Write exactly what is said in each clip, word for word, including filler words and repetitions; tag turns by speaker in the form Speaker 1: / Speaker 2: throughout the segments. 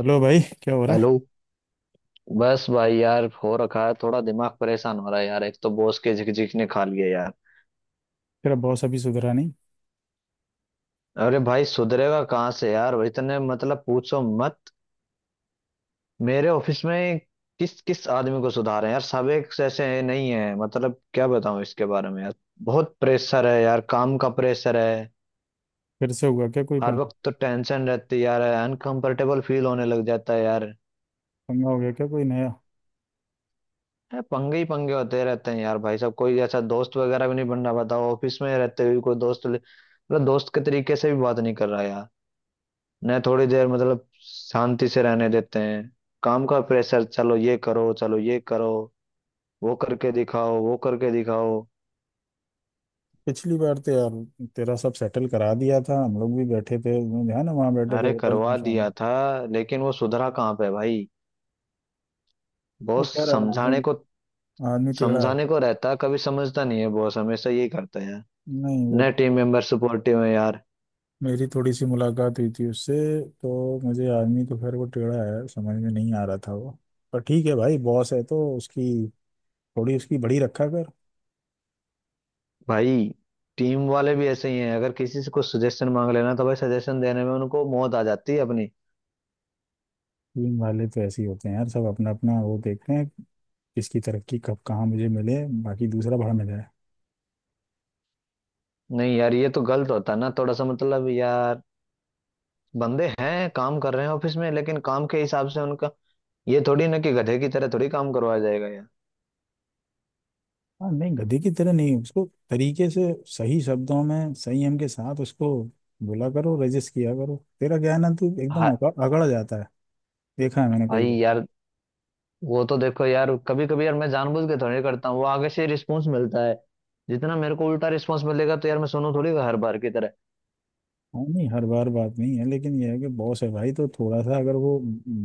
Speaker 1: Hello भाई, क्या हो रहा है।
Speaker 2: हेलो। बस भाई यार हो रखा है, थोड़ा दिमाग परेशान हो रहा है यार। एक तो बॉस के झिकझिक ने खा लिया यार।
Speaker 1: तेरा बॉस अभी सुधरा नहीं।
Speaker 2: अरे भाई सुधरेगा कहाँ से यार, वो इतने मतलब पूछो मत। मेरे ऑफिस में किस किस आदमी को सुधार है यार, सब एक जैसे नहीं है, मतलब क्या बताऊं इसके बारे में यार। बहुत प्रेशर है यार, काम का प्रेशर है।
Speaker 1: फिर से हुआ क्या, कोई
Speaker 2: हर
Speaker 1: पंगा।
Speaker 2: वक्त तो टेंशन रहती है यार, अनकंफर्टेबल फील होने लग जाता है यार।
Speaker 1: पंगा हो गया क्या कोई नया।
Speaker 2: है पंगे ही पंगे होते रहते हैं यार। भाई साहब कोई ऐसा दोस्त वगैरह भी नहीं बन रहा, बताओ ऑफिस में रहते हुए कोई दोस्त ले- मतलब दोस्त के तरीके से भी बात नहीं कर रहा यार। न थोड़ी देर मतलब शांति से रहने देते हैं। काम का प्रेशर, चलो ये करो, चलो ये करो, वो करके दिखाओ, वो करके दिखाओ।
Speaker 1: पिछली बार तो यार तेरा सब सेटल करा दिया था, हम लोग भी बैठे थे। ध्यान है ना, वहाँ बैठे थे
Speaker 2: अरे
Speaker 1: होटल में
Speaker 2: करवा
Speaker 1: शाम
Speaker 2: दिया
Speaker 1: को।
Speaker 2: था लेकिन वो सुधरा कहाँ पे भाई।
Speaker 1: वो
Speaker 2: बॉस
Speaker 1: कह रहा है, आदमी।
Speaker 2: समझाने को,
Speaker 1: आदमी टेढ़ा है।
Speaker 2: समझाने को रहता, कभी समझता नहीं है। बॉस हमेशा यही करता है यार।
Speaker 1: नहीं वो,
Speaker 2: न टीम मेंबर सपोर्टिव है यार।
Speaker 1: मेरी थोड़ी सी मुलाकात हुई थी उससे। तो मुझे आदमी तो खैर वो टेढ़ा है, समझ में नहीं आ रहा था वो। पर ठीक है भाई, बॉस है तो उसकी थोड़ी उसकी बड़ी रखा कर।
Speaker 2: भाई टीम वाले भी ऐसे ही हैं, अगर किसी से कुछ सजेशन मांग लेना तो भाई सजेशन देने में उनको मौत आ जाती है अपनी।
Speaker 1: टीम वाले तो ऐसे ही होते हैं यार, सब अपना अपना वो देखते हैं। किसकी तरक्की कब कहाँ मुझे मिले, बाकी दूसरा बड़ा मिल जाए।
Speaker 2: नहीं यार ये तो गलत होता है ना थोड़ा सा, मतलब यार बंदे हैं, काम कर रहे हैं ऑफिस में, लेकिन काम के हिसाब से उनका ये थोड़ी ना कि गधे की तरह थोड़ी काम करवाया जाएगा यार।
Speaker 1: हाँ नहीं गधे की तरह नहीं, उसको तरीके से सही शब्दों में संयम के साथ उसको बोला करो, रजिस्ट किया करो। तेरा क्या है ना, तू एकदम
Speaker 2: हा-
Speaker 1: अग- अगड़ जाता है। देखा है मैंने कई
Speaker 2: भाई
Speaker 1: बार।
Speaker 2: यार, वो तो देखो यार, कभी कभी यार मैं जानबूझ के थोड़ी करता हूँ, वो आगे से रिस्पॉन्स मिलता है। जितना मेरे को उल्टा रिस्पॉन्स मिलेगा तो यार मैं सुनू थोड़ी हर बार की तरह।
Speaker 1: हाँ नहीं हर बार बात नहीं है, लेकिन यह है कि बॉस है भाई, तो थोड़ा सा अगर वो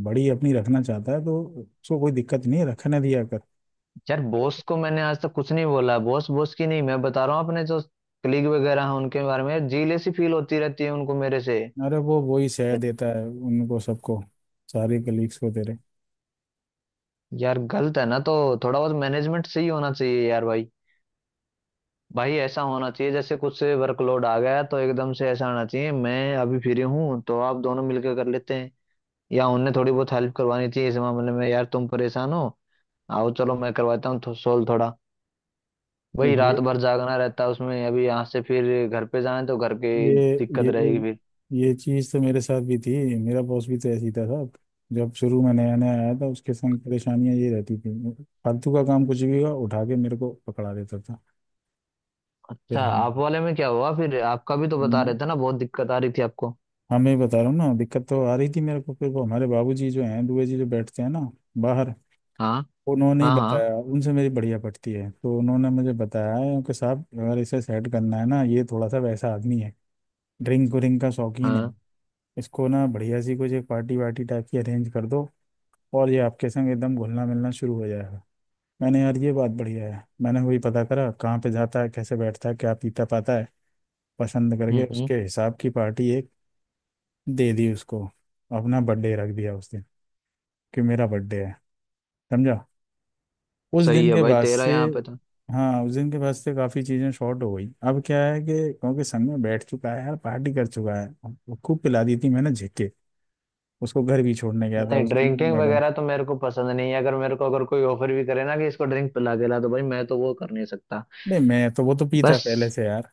Speaker 1: बड़ी अपनी रखना चाहता है तो उसको कोई दिक्कत नहीं है, रखने दिया कर।
Speaker 2: यार बॉस को मैंने आज तक कुछ नहीं बोला, बॉस बॉस की नहीं, मैं बता रहा हूँ अपने जो कलीग वगैरह हैं उनके बारे में यार, जीलेसी फील होती रहती है उनको मेरे से।
Speaker 1: अरे वो वही सह
Speaker 2: यार,
Speaker 1: देता है उनको सबको, सारे कलीग्स को तेरे।
Speaker 2: यार गलत है ना तो, थोड़ा बहुत मैनेजमेंट सही होना चाहिए यार भाई। भाई ऐसा होना चाहिए, जैसे कुछ से वर्कलोड आ गया तो एकदम से ऐसा होना चाहिए मैं अभी फ्री हूँ तो आप दोनों मिलकर कर लेते हैं, या उन्हें थोड़ी बहुत हेल्प करवानी चाहिए इस मामले में यार, तुम परेशान हो आओ चलो मैं करवाता हूँ थो, सोल्व थोड़ा। वही
Speaker 1: ये
Speaker 2: रात भर जागना रहता है उसमें, अभी यहाँ से फिर घर पे जाए तो घर
Speaker 1: ये
Speaker 2: की दिक्कत
Speaker 1: ये
Speaker 2: रहेगी फिर।
Speaker 1: ये चीज़ तो मेरे साथ भी थी, मेरा बॉस भी तो ऐसी था साहब। जब शुरू में नया नया आया था उसके संग परेशानियां ये रहती थी। फालतू का काम कुछ भी हुआ उठा के मेरे को पकड़ा देता था।
Speaker 2: अच्छा
Speaker 1: फिर हम
Speaker 2: आप वाले में क्या हुआ फिर, आपका भी तो बता
Speaker 1: मैं-
Speaker 2: रहे थे ना, बहुत दिक्कत आ रही थी आपको।
Speaker 1: हाँ, मैं बता रहा हूँ ना, दिक्कत तो आ रही थी मेरे को, फिर वो हमारे बाबूजी जो हैं, दुबे जी जो बैठते हैं ना बाहर,
Speaker 2: हाँ।
Speaker 1: उन्होंने ही
Speaker 2: हाँ। हाँ
Speaker 1: बताया। उनसे मेरी बढ़िया पटती है तो उन्होंने मुझे बताया है कि साहब, अगर इसे सेट करना है ना, ये थोड़ा सा वैसा आदमी है, ड्रिंक व्रिंक का शौकीन है।
Speaker 2: हाँ
Speaker 1: इसको ना बढ़िया सी कुछ एक पार्टी वार्टी टाइप की अरेंज कर दो, और ये आपके संग एकदम घुलना मिलना शुरू हो जाएगा। मैंने यार ये बात बढ़िया है, मैंने वही पता करा कहाँ पे जाता है, कैसे बैठता है, क्या पीता पाता है। पसंद करके
Speaker 2: हम्म हम्म,
Speaker 1: उसके हिसाब की पार्टी एक दे दी उसको, अपना बर्थडे रख दिया उस दिन कि मेरा बर्थडे है, समझा। उस
Speaker 2: सही
Speaker 1: दिन
Speaker 2: है
Speaker 1: के
Speaker 2: भाई
Speaker 1: बाद
Speaker 2: तेरा
Speaker 1: से,
Speaker 2: यहाँ पे तो।
Speaker 1: हाँ उस दिन के बाद से काफ़ी चीज़ें शॉर्ट हो गई। अब क्या है कि क्योंकि संग में बैठ चुका है यार, पार्टी कर चुका है। वो खूब पिला दी थी मैंने झिक के, उसको घर भी छोड़ने गया था
Speaker 2: नहीं
Speaker 1: उसकी
Speaker 2: ड्रिंकिंग
Speaker 1: मैडम।
Speaker 2: वगैरह तो मेरे को पसंद नहीं है, अगर मेरे को अगर कोई ऑफर भी करे ना कि इसको ड्रिंक पिला के ला तो भाई मैं तो वो कर नहीं सकता।
Speaker 1: नहीं मैं तो वो तो पीता पहले
Speaker 2: बस
Speaker 1: से यार,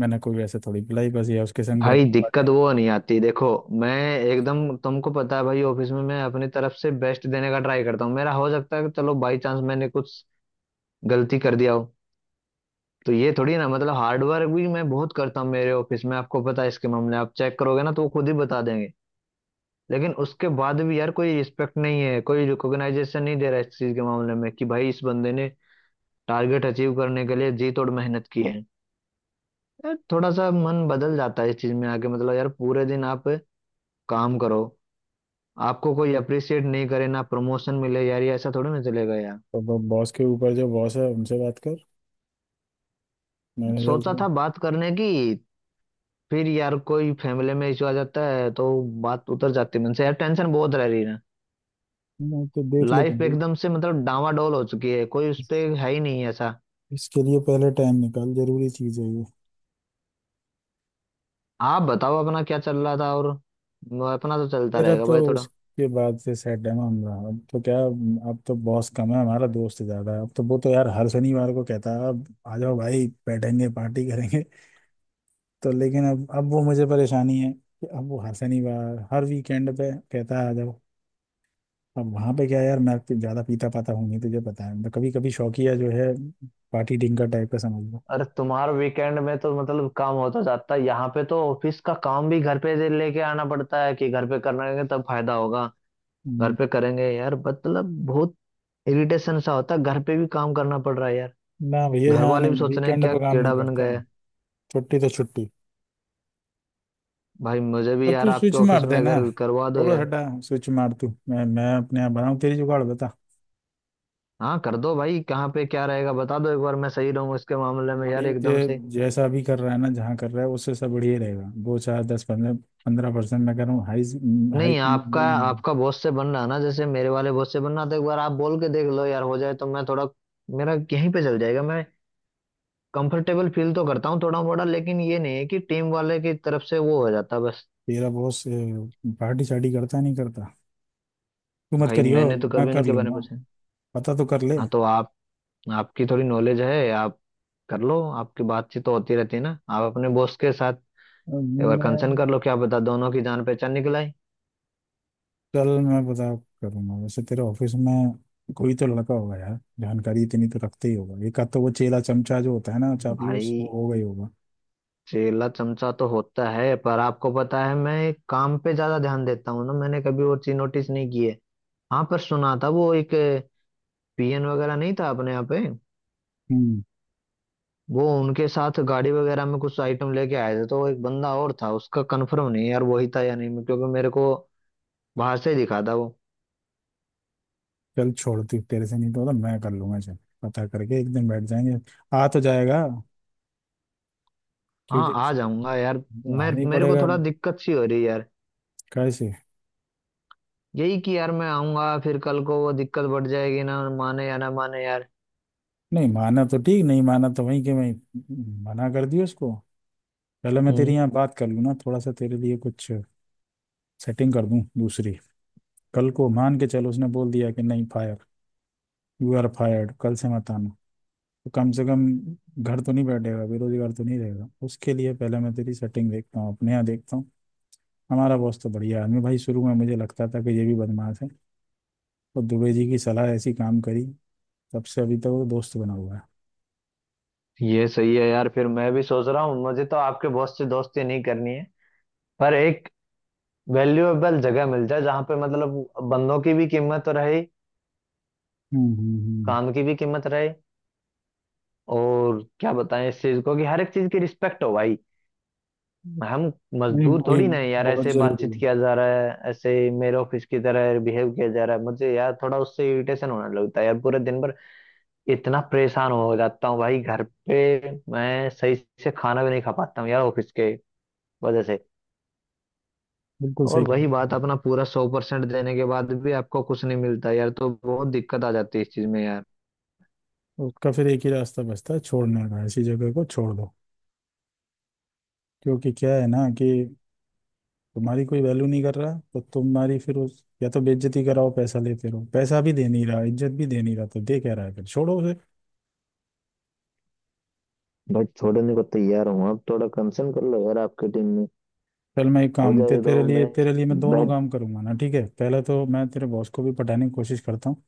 Speaker 1: मैंने कोई वैसे थोड़ी पिलाई, बस ये उसके संग बैठ
Speaker 2: भाई
Speaker 1: के पार्टी।
Speaker 2: दिक्कत वो नहीं आती देखो, मैं एकदम तुमको पता है भाई, ऑफिस में मैं अपनी तरफ से बेस्ट देने का ट्राई करता हूँ, मेरा हो सकता है कि चलो बाई चांस मैंने कुछ गलती कर दिया हो, तो ये थोड़ी ना, मतलब हार्ड वर्क भी मैं बहुत करता हूँ मेरे ऑफिस में, आपको पता है इसके मामले आप चेक करोगे ना तो वो खुद ही बता देंगे। लेकिन उसके बाद भी यार कोई रिस्पेक्ट नहीं है, कोई रिकॉग्नाइजेशन नहीं दे रहा है इस चीज के मामले में, कि भाई इस बंदे ने टारगेट अचीव करने के लिए जी तोड़ मेहनत की है। यार थोड़ा सा मन बदल जाता है इस चीज में आके, मतलब यार पूरे दिन आप काम करो, आपको कोई अप्रिशिएट नहीं करे, ना प्रमोशन मिले, यार ये ऐसा थोड़ी ना चलेगा यार।
Speaker 1: तो वो बॉस के ऊपर जो बॉस है उनसे बात कर, मैनेजर
Speaker 2: सोचा
Speaker 1: से।
Speaker 2: था बात करने की, फिर यार कोई फैमिली में इशू आ जाता है तो बात उतर जाती है मन से यार, टेंशन बहुत रह रही है।
Speaker 1: मैं तो देख ले
Speaker 2: लाइफ
Speaker 1: बंदी।
Speaker 2: एकदम से मतलब डामाडोल हो चुकी है, कोई उस पे
Speaker 1: इस-
Speaker 2: है ही नहीं ऐसा।
Speaker 1: इसके लिए पहले टाइम निकाल, जरूरी चीज है ये।
Speaker 2: आप बताओ अपना क्या चल रहा था और। म- अपना तो चलता
Speaker 1: मेरा
Speaker 2: रहेगा
Speaker 1: तो
Speaker 2: भाई थोड़ा।
Speaker 1: उसके बाद से सेट है मामला, अब तो क्या। अब तो बॉस कम है, हमारा दोस्त ज्यादा है। अब तो वो तो यार हर शनिवार को कहता है, अब आ जाओ भाई, बैठेंगे, पार्टी करेंगे। तो लेकिन अब अब वो मुझे परेशानी है कि अब वो हर शनिवार हर वीकेंड पे कहता है आ जाओ। अब वहां पे क्या यार, मैं पी- ज्यादा पीता पाता हूँ नहीं, तुझे पता है मैं कभी कभी शौकिया जो है, पार्टी डिंकर टाइप का समझ लो।
Speaker 2: अरे तुम्हारा वीकेंड में तो मतलब काम होता जाता है, यहाँ पे तो ऑफिस का काम भी घर पे लेके आना पड़ता है कि घर पे करेंगे तब फायदा होगा। घर
Speaker 1: हम्म।
Speaker 2: पे करेंगे यार, मतलब बहुत इरिटेशन सा होता है, घर पे भी काम करना पड़ रहा है यार,
Speaker 1: ना भैया,
Speaker 2: घर
Speaker 1: यहाँ
Speaker 2: वाले भी
Speaker 1: नहीं,
Speaker 2: सोच रहे हैं
Speaker 1: वीकेंड
Speaker 2: क्या
Speaker 1: पे काम नहीं
Speaker 2: कीड़ा बन।
Speaker 1: करते हैं। छुट्टी तो छुट्टी।
Speaker 2: भाई मुझे
Speaker 1: तो
Speaker 2: भी यार
Speaker 1: तू
Speaker 2: आपके
Speaker 1: स्विच
Speaker 2: ऑफिस
Speaker 1: मार
Speaker 2: में
Speaker 1: दे ना,
Speaker 2: अगर करवा दो
Speaker 1: छोड़
Speaker 2: यार।
Speaker 1: हटा स्विच मार तू, मैं मैं अपने यहाँ बनाऊँ तेरी जुगाड़ बता।
Speaker 2: हाँ कर दो भाई, कहाँ पे क्या रहेगा बता दो एक बार, मैं सही रहूँ इसके मामले में यार
Speaker 1: बढ़िया
Speaker 2: एकदम से।
Speaker 1: ते- जैसा भी कर रहा है ना जहाँ कर रहा है उससे सब बढ़िया रहेगा। दो चार दस पंद्रह पंद्रह परसेंट मैं कर रहा हूँ हाई। हाई,
Speaker 2: नहीं आपका, आपका बॉस से बन रहा है ना, जैसे मेरे वाले बॉस से बन रहा था, एक बार आप बोल के देख लो यार, हो जाए तो मैं थोड़ा, मेरा यहीं पे चल जाएगा। मैं कंफर्टेबल फील तो करता हूँ थोड़ा मोड़ा, लेकिन ये नहीं है कि टीम वाले की तरफ से वो हो जाता बस।
Speaker 1: तेरा बॉस पार्टी शार्टी करता नहीं करता, तू मत
Speaker 2: भाई
Speaker 1: करियो,
Speaker 2: मैंने तो
Speaker 1: मैं
Speaker 2: कभी
Speaker 1: कर
Speaker 2: उनके बारे में
Speaker 1: लूंगा।
Speaker 2: पूछा नहीं।
Speaker 1: पता तो कर ले।
Speaker 2: हाँ तो आप, आपकी थोड़ी नॉलेज है आप कर लो, आपकी बातचीत तो होती रहती है ना आप अपने बॉस के साथ,
Speaker 1: अब
Speaker 2: एक बार कंसर्न
Speaker 1: मैं
Speaker 2: कर लो, क्या पता दोनों की जान पहचान निकल आई।
Speaker 1: चल, मैं पता करूंगा वैसे तेरे ऑफिस में कोई तो लड़का होगा यार, जानकारी इतनी तो रखते ही होगा। एक आध तो वो चेला चमचा जो होता है ना चापलूस,
Speaker 2: भाई
Speaker 1: वो होगा ही होगा।
Speaker 2: चेला चमचा तो होता है, पर आपको पता है मैं काम पे ज्यादा ध्यान देता हूँ ना, मैंने कभी और चीज नोटिस नहीं की है। हाँ पर सुना था वो एक पीएन वगैरह नहीं था अपने यहाँ पे,
Speaker 1: हम्म।
Speaker 2: वो उनके साथ गाड़ी वगैरह में कुछ आइटम लेके आए थे, तो वो एक बंदा और था, उसका कंफर्म नहीं है यार वही था या नहीं, क्योंकि मेरे को बाहर से ही दिखा था वो।
Speaker 1: चल छोड़, तू तेरे से नहीं तो होता, मैं कर लूंगा। चल, पता करके एक दिन बैठ जाएंगे, आ तो जाएगा
Speaker 2: हाँ
Speaker 1: क्योंकि
Speaker 2: आ जाऊंगा यार, मैं
Speaker 1: आना ही
Speaker 2: मेरे को
Speaker 1: पड़ेगा।
Speaker 2: थोड़ा दिक्कत सी हो रही है यार।
Speaker 1: कैसे?
Speaker 2: यही कि यार मैं आऊंगा फिर कल को वो दिक्कत बढ़ जाएगी ना, माने या ना माने यार।
Speaker 1: नहीं माना तो ठीक, नहीं माना तो वहीं के वहीं मना कर दियो उसको। पहले मैं तेरे
Speaker 2: हम्म।
Speaker 1: यहाँ बात कर लूँ ना थोड़ा सा, तेरे लिए कुछ सेटिंग कर दूं दूसरी। कल को मान के चल उसने बोल दिया कि नहीं फायर, यू आर फायर्ड, कल से मत आना, तो कम से कम घर तो नहीं बैठेगा, बेरोजगार तो नहीं रहेगा। उसके लिए पहले मैं तेरी सेटिंग देखता हूँ अपने यहाँ देखता हूँ। हमारा बॉस तो बढ़िया आदमी भाई, शुरू में मुझे लगता था कि ये भी बदमाश है। तो दुबे जी की सलाह ऐसी काम करी, तब से अभी तक वो दोस्त बना हुआ है।
Speaker 2: ये सही है यार, फिर मैं भी सोच रहा हूँ मुझे तो आपके बॉस से दोस्ती नहीं करनी है, पर एक वैल्यूएबल जगह मिल जाए जहाँ पे मतलब बंदों की भी कीमत रहे।
Speaker 1: हम्म हम्म हम्म।
Speaker 2: काम की भी कीमत रहे, और क्या बताएं इस चीज को, कि हर एक चीज की रिस्पेक्ट हो भाई। हम
Speaker 1: नहीं,
Speaker 2: मजदूर
Speaker 1: वही
Speaker 2: थोड़ी ना है यार,
Speaker 1: बहुत
Speaker 2: ऐसे
Speaker 1: जरूरी
Speaker 2: बातचीत
Speaker 1: है।
Speaker 2: किया जा रहा है, ऐसे मेरे ऑफिस की तरह बिहेव किया जा रहा है मुझे यार, थोड़ा उससे इरिटेशन होने लगता है यार पूरे दिन भर, इतना परेशान हो जाता हूँ भाई, घर पे मैं सही से खाना भी नहीं खा पाता हूँ यार ऑफिस के वजह से।
Speaker 1: बिल्कुल सही
Speaker 2: और
Speaker 1: कह
Speaker 2: वही
Speaker 1: रहा
Speaker 2: बात,
Speaker 1: है।
Speaker 2: अपना पूरा सौ परसेंट देने के बाद भी आपको कुछ नहीं मिलता यार, तो बहुत दिक्कत आ जाती है इस चीज में यार।
Speaker 1: उसका फिर एक ही रास्ता बचता है छोड़ने का, ऐसी जगह को छोड़ दो। क्योंकि क्या है ना कि तुम्हारी कोई वैल्यू नहीं कर रहा, तो तुम्हारी फिर उस या तो बेइज्जती कराओ पैसा लेते रहो, पैसा भी दे नहीं रहा, इज्जत भी दे नहीं रहा, तो दे क्या रहा है, फिर छोड़ो उसे।
Speaker 2: बट छोड़ने को तैयार हूँ, आप थोड़ा कंसर्न कर लो यार आपकी टीम में,
Speaker 1: चल मैं एक
Speaker 2: हो
Speaker 1: काम ते,
Speaker 2: जाए
Speaker 1: तेरे
Speaker 2: तो
Speaker 1: लिए
Speaker 2: मैं
Speaker 1: तेरे लिए मैं दोनों
Speaker 2: बैठ।
Speaker 1: काम करूंगा ना, ठीक है। पहले तो मैं तेरे बॉस को भी पटाने की कोशिश करता हूँ,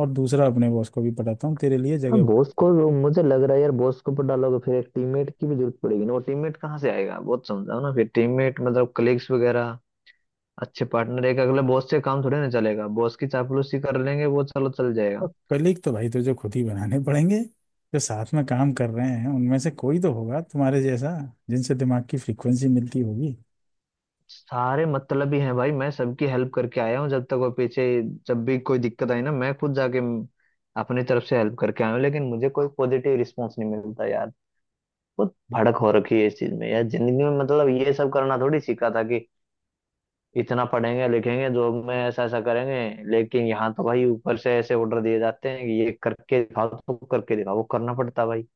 Speaker 1: और दूसरा अपने बॉस को भी पटाता हूँ, तेरे लिए
Speaker 2: हाँ
Speaker 1: जगह
Speaker 2: बॉस
Speaker 1: बनाता
Speaker 2: को,
Speaker 1: हूँ।
Speaker 2: मुझे लग रहा है यार बॉस के ऊपर डालोगे फिर एक टीममेट की भी जरूरत पड़ेगी ना, वो टीममेट कहाँ से आएगा, बहुत समझाओ ना फिर, टीममेट मतलब कलीग्स वगैरह अच्छे पार्टनर, एक अगले बॉस से काम थोड़े ना चलेगा, बॉस की चापलूसी कर लेंगे वो चलो चल जाएगा।
Speaker 1: और कलीग तो भाई तुझे खुद ही बनाने पड़ेंगे, जो साथ में काम कर रहे हैं उनमें से कोई तो होगा तुम्हारे जैसा, जिनसे दिमाग की फ्रीक्वेंसी मिलती होगी।
Speaker 2: सारे मतलब ही हैं भाई, मैं सबकी हेल्प करके आया हूँ, जब तक वो पीछे, जब भी कोई दिक्कत आई ना मैं खुद जाके म- अपनी तरफ से हेल्प करके आया हूँ, लेकिन मुझे कोई पॉजिटिव रिस्पॉन्स नहीं मिलता यार। बहुत भड़क हो रखी है इस चीज में यार, जिंदगी में मतलब ये सब करना थोड़ी सीखा था कि इतना पढ़ेंगे लिखेंगे जॉब में ऐसा ऐसा करेंगे, लेकिन यहाँ तो भाई ऊपर से ऐसे ऑर्डर दिए जाते हैं कि ये करके दिखाओ तो करके दिखाओ, वो करना पड़ता भाई।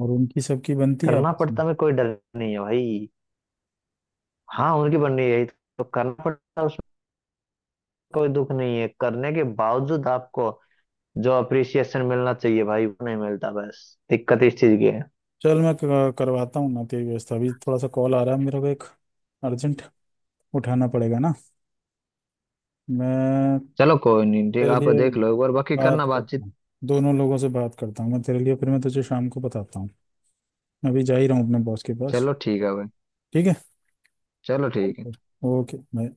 Speaker 1: और उनकी सबकी बनती है
Speaker 2: करना
Speaker 1: आपस में।
Speaker 2: पड़ता में कोई डर नहीं है भाई। हाँ उनकी बन रही है यही, तो करना पड़ता, कोई दुख नहीं है। करने के बावजूद आपको जो अप्रिसिएशन मिलना चाहिए भाई वो नहीं मिलता, बस दिक्कत इस चीज की है।
Speaker 1: चल, मैं क- करवाता हूँ ना तेरी व्यवस्था, अभी थोड़ा सा कॉल आ रहा है मेरे को एक अर्जेंट, उठाना पड़ेगा ना। मैं
Speaker 2: चलो कोई नहीं, ठीक
Speaker 1: तेरे
Speaker 2: आप
Speaker 1: लिए
Speaker 2: देख लो एक बार, बाकी
Speaker 1: बात
Speaker 2: करना
Speaker 1: करता
Speaker 2: बातचीत।
Speaker 1: हूँ, दोनों लोगों से बात करता हूँ मैं तेरे लिए, फिर मैं तुझे शाम को बताता हूँ। मैं अभी जा ही रहा हूँ अपने बॉस के पास।
Speaker 2: चलो ठीक है भाई।
Speaker 1: ठीक है।
Speaker 2: चलो
Speaker 1: चल
Speaker 2: ठीक
Speaker 1: फिर।
Speaker 2: है।
Speaker 1: Okay bye.